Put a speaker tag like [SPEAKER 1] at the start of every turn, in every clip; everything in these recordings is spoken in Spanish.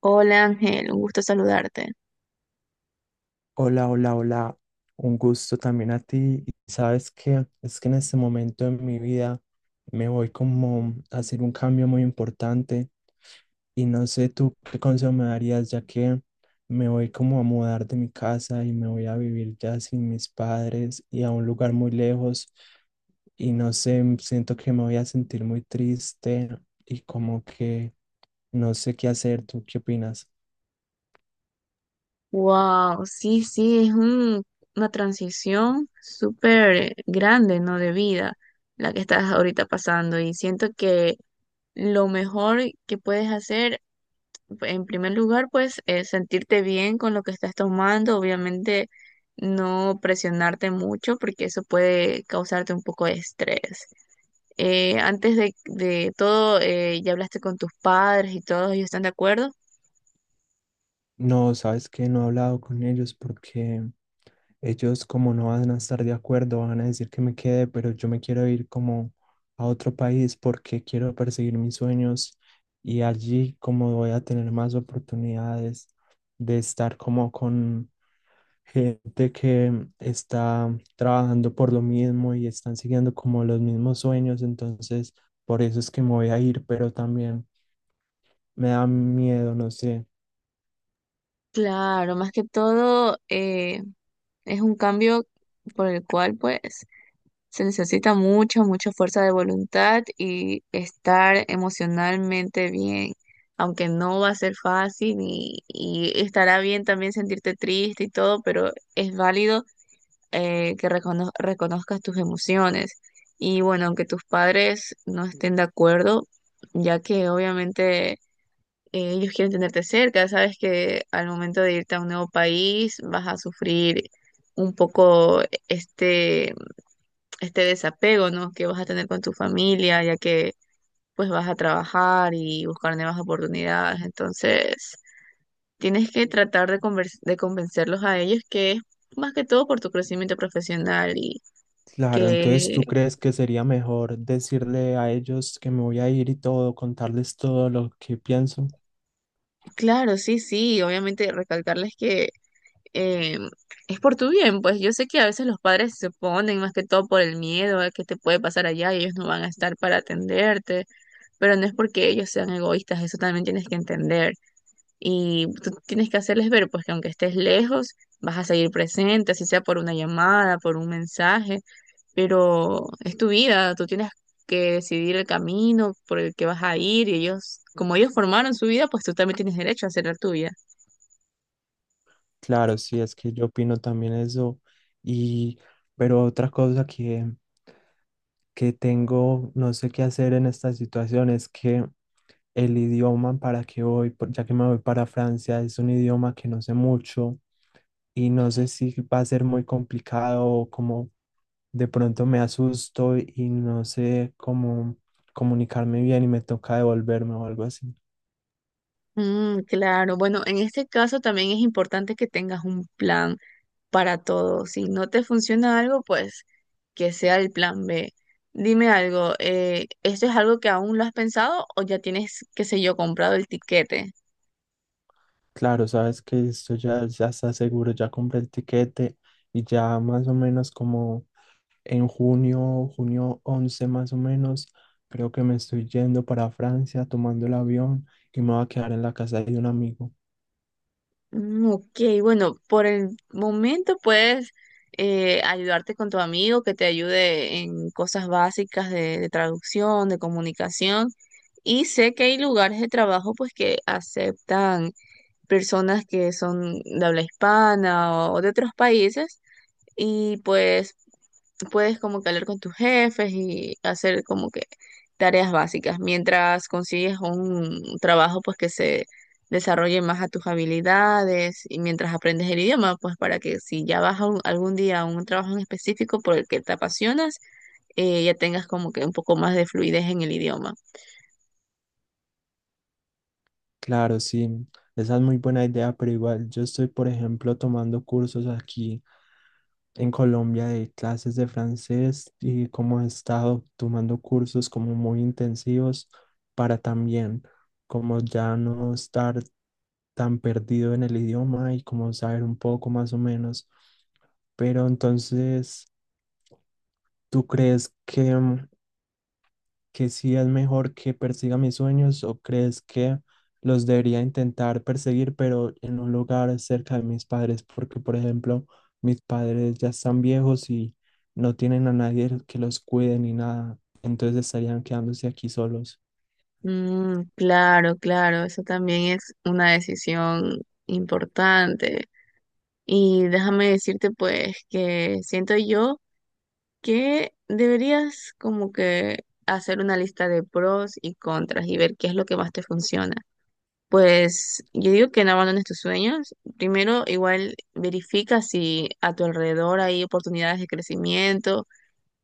[SPEAKER 1] Hola Ángel, un gusto saludarte.
[SPEAKER 2] Hola, hola, hola. Un gusto también a ti. Y sabes que es que en este momento de mi vida me voy como a hacer un cambio muy importante y no sé tú qué consejo me darías ya que me voy como a mudar de mi casa y me voy a vivir ya sin mis padres y a un lugar muy lejos y no sé, siento que me voy a sentir muy triste y como que no sé qué hacer. ¿Tú qué opinas?
[SPEAKER 1] Wow, sí, sí, una transición súper grande, ¿no? De vida, la que estás ahorita pasando. Y siento que lo mejor que puedes hacer, en primer lugar, pues, es sentirte bien con lo que estás tomando. Obviamente, no presionarte mucho, porque eso puede causarte un poco de estrés. Antes de todo, ¿ya hablaste con tus padres y todos ellos están de acuerdo?
[SPEAKER 2] No, sabes que no he hablado con ellos porque ellos como no van a estar de acuerdo, van a decir que me quede, pero yo me quiero ir como a otro país porque quiero perseguir mis sueños y allí como voy a tener más oportunidades de estar como con gente que está trabajando por lo mismo y están siguiendo como los mismos sueños, entonces por eso es que me voy a ir, pero también me da miedo, no sé.
[SPEAKER 1] Claro, más que todo es un cambio por el cual pues se necesita mucha, mucha fuerza de voluntad y estar emocionalmente bien, aunque no va a ser fácil y estará bien también sentirte triste y todo, pero es válido que reconozcas tus emociones. Y bueno, aunque tus padres no estén de acuerdo, ya que obviamente ellos quieren tenerte cerca, sabes que al momento de irte a un nuevo país vas a sufrir un poco este, este desapego, ¿no? Que vas a tener con tu familia, ya que pues vas a trabajar y buscar nuevas oportunidades. Entonces, tienes que tratar de de convencerlos a ellos que es más que todo por tu crecimiento profesional y
[SPEAKER 2] Claro, entonces
[SPEAKER 1] que,
[SPEAKER 2] tú crees que sería mejor decirle a ellos que me voy a ir y todo, contarles todo lo que pienso.
[SPEAKER 1] claro, sí, sí, obviamente recalcarles que eh, es por tu bien, pues yo sé que a veces los padres se ponen más que todo por el miedo a que te puede pasar allá y ellos no van a estar para atenderte, pero no es porque ellos sean egoístas, eso también tienes que entender y tú tienes que hacerles ver pues que aunque estés lejos, vas a seguir presente, así sea por una llamada, por un mensaje, pero es tu vida, tú tienes que decidir el camino por el que vas a ir y ellos, como ellos formaron su vida, pues tú también tienes derecho a hacer la tuya.
[SPEAKER 2] Claro, sí, es que yo opino también eso. Y, pero otra cosa que tengo, no sé qué hacer en esta situación es que el idioma para que voy, ya que me voy para Francia, es un idioma que no sé mucho y no sé si va a ser muy complicado o como de pronto me asusto y no sé cómo comunicarme bien y me toca devolverme o algo así.
[SPEAKER 1] Mm, claro, bueno, en este caso también es importante que tengas un plan para todo. Si no te funciona algo, pues que sea el plan B. Dime algo, ¿esto es algo que aún lo has pensado o ya tienes, qué sé yo, comprado el tiquete?
[SPEAKER 2] Claro, sabes que esto ya, ya está seguro, ya compré el tiquete y ya más o menos como en junio 11 más o menos, creo que me estoy yendo para Francia tomando el avión y me voy a quedar en la casa de un amigo.
[SPEAKER 1] Mm, ok, bueno, por el momento puedes ayudarte con tu amigo que te ayude en cosas básicas de traducción, de comunicación. Y sé que hay lugares de trabajo pues que aceptan personas que son de habla hispana o de otros países y pues puedes como que hablar con tus jefes y hacer como que tareas básicas mientras consigues un trabajo pues que se desarrolle más a tus habilidades y mientras aprendes el idioma pues para que si ya vas a algún día a un trabajo en específico por el que te apasionas, ya tengas como que un poco más de fluidez en el idioma.
[SPEAKER 2] Claro, sí, esa es muy buena idea, pero igual yo estoy, por ejemplo, tomando cursos aquí en Colombia de clases de francés y cómo he estado tomando cursos como muy intensivos para también como ya no estar tan perdido en el idioma y como saber un poco más o menos. Pero entonces, ¿tú crees que sí es mejor que persiga mis sueños o crees que los debería intentar perseguir, pero en un lugar cerca de mis padres? Porque, por ejemplo, mis padres ya están viejos y no tienen a nadie que los cuide ni nada, entonces estarían quedándose aquí solos.
[SPEAKER 1] Mm, claro, claro, eso también es una decisión importante. Y déjame decirte pues que siento yo que deberías como que hacer una lista de pros y contras y ver qué es lo que más te funciona. Pues yo digo que no abandones tus sueños. Primero, igual verifica si a tu alrededor hay oportunidades de crecimiento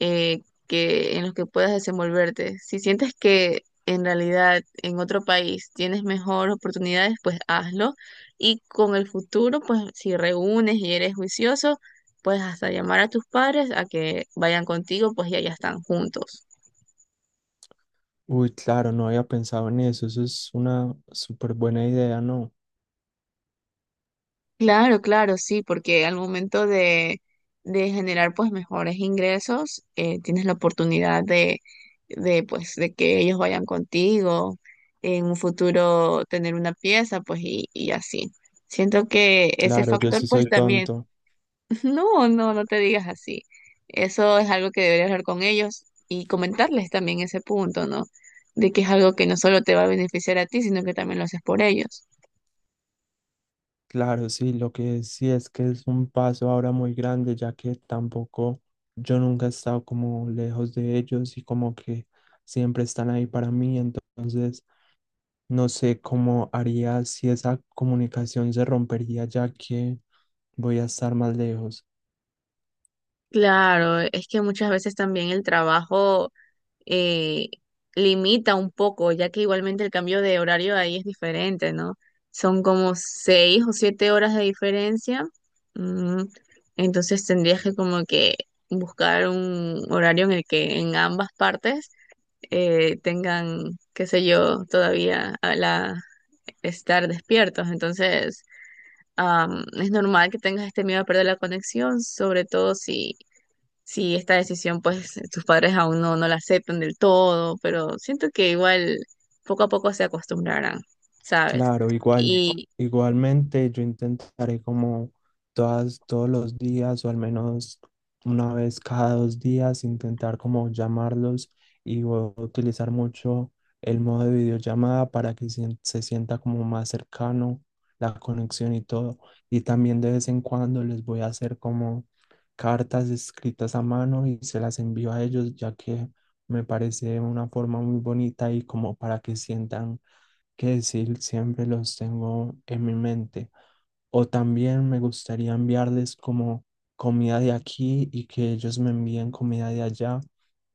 [SPEAKER 1] eh, en los que puedas desenvolverte. Si sientes que en realidad en otro país tienes mejor oportunidades, pues hazlo. Y con el futuro, pues si reúnes y eres juicioso, puedes hasta llamar a tus padres a que vayan contigo, pues ya están juntos.
[SPEAKER 2] Uy, claro, no había pensado en eso. Eso es una súper buena idea, ¿no?
[SPEAKER 1] Claro, claro, sí, porque al momento de generar pues mejores ingresos, tienes la oportunidad de pues de que ellos vayan contigo, en un futuro tener una pieza, pues y así. Siento que ese
[SPEAKER 2] Claro, yo
[SPEAKER 1] factor
[SPEAKER 2] sí
[SPEAKER 1] pues
[SPEAKER 2] soy
[SPEAKER 1] también,
[SPEAKER 2] tonto.
[SPEAKER 1] no, no, no te digas así. Eso es algo que deberías hablar con ellos y comentarles también ese punto, ¿no? De que es algo que no solo te va a beneficiar a ti, sino que también lo haces por ellos.
[SPEAKER 2] Claro, sí, lo que sí es que es un paso ahora muy grande, ya que tampoco yo nunca he estado como lejos de ellos y como que siempre están ahí para mí. Entonces, no sé cómo haría si esa comunicación se rompería, ya que voy a estar más lejos.
[SPEAKER 1] Claro, es que muchas veces también el trabajo eh, limita un poco, ya que igualmente el cambio de horario ahí es diferente, ¿no? Son como seis o siete horas de diferencia, mm, entonces tendrías que como que buscar un horario en el que en ambas partes tengan, qué sé yo, todavía a la estar despiertos. Entonces, es normal que tengas este miedo a perder la conexión, sobre todo si sí, esta decisión, pues tus padres aún no, no la aceptan del todo, pero siento que igual poco a poco se acostumbrarán, ¿sabes?
[SPEAKER 2] Claro,
[SPEAKER 1] Y
[SPEAKER 2] igualmente yo intentaré como todos los días o al menos una vez cada 2 días intentar como llamarlos y voy a utilizar mucho el modo de videollamada para que se sienta como más cercano la conexión y todo. Y también de vez en cuando les voy a hacer como cartas escritas a mano y se las envío a ellos ya que me parece una forma muy bonita y como para que sientan que decir, siempre los tengo en mi mente. O también me gustaría enviarles como comida de aquí y que ellos me envíen comida de allá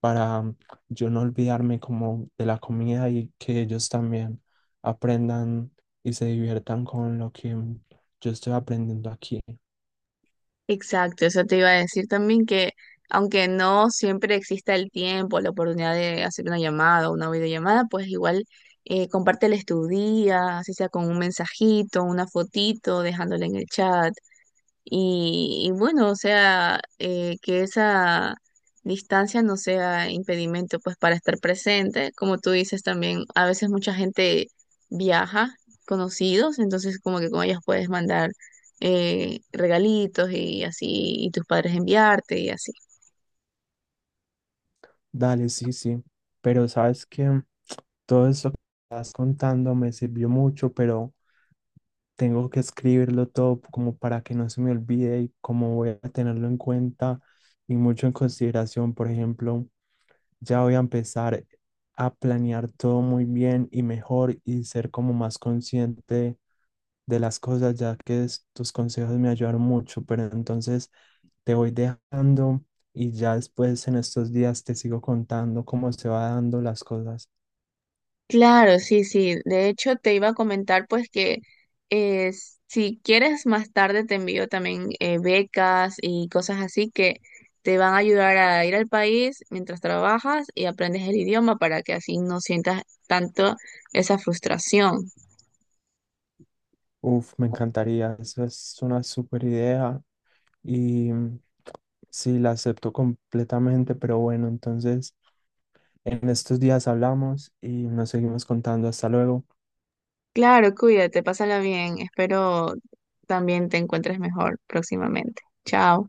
[SPEAKER 2] para mm, yo no olvidarme como de la comida y que ellos también aprendan y se diviertan con lo que. Yo estoy aprendiendo aquí.
[SPEAKER 1] exacto, eso te iba a decir también que aunque no siempre exista el tiempo, la oportunidad de hacer una llamada o una videollamada, pues igual, compárteles tu día, así sea con un mensajito, una fotito, dejándole en el chat. Y bueno, o sea, que esa distancia no sea impedimento pues para estar presente. Como tú dices también, a veces mucha gente viaja, conocidos, entonces como que con ellas puedes mandar regalitos y así, y tus padres enviarte y así.
[SPEAKER 2] Dale, sí, sí. Pero sabes que, todo eso que estás contando me sirvió mucho, pero tengo que escribirlo todo como para que no se me olvide y como voy a tenerlo en cuenta y mucho en consideración. Por ejemplo, ya voy a empezar a planear todo muy bien y mejor y ser como más consciente de las cosas, ya que tus consejos me ayudaron mucho. Pero entonces te voy dejando y ya después en estos días te sigo contando cómo se va dando las cosas.
[SPEAKER 1] Claro, sí, sí. De hecho, te iba a comentar pues que eh, si quieres más tarde te envío también becas y cosas así que te van a ayudar a ir al país mientras trabajas y aprendes el idioma para que así no sientas tanto esa frustración.
[SPEAKER 2] Uf, me encantaría. Eso es una super idea. Y Sí, la acepto completamente, pero bueno, entonces en estos días hablamos y nos seguimos contando. Hasta luego.
[SPEAKER 1] Claro, cuídate, pásala bien. Espero también te encuentres mejor próximamente. Chao.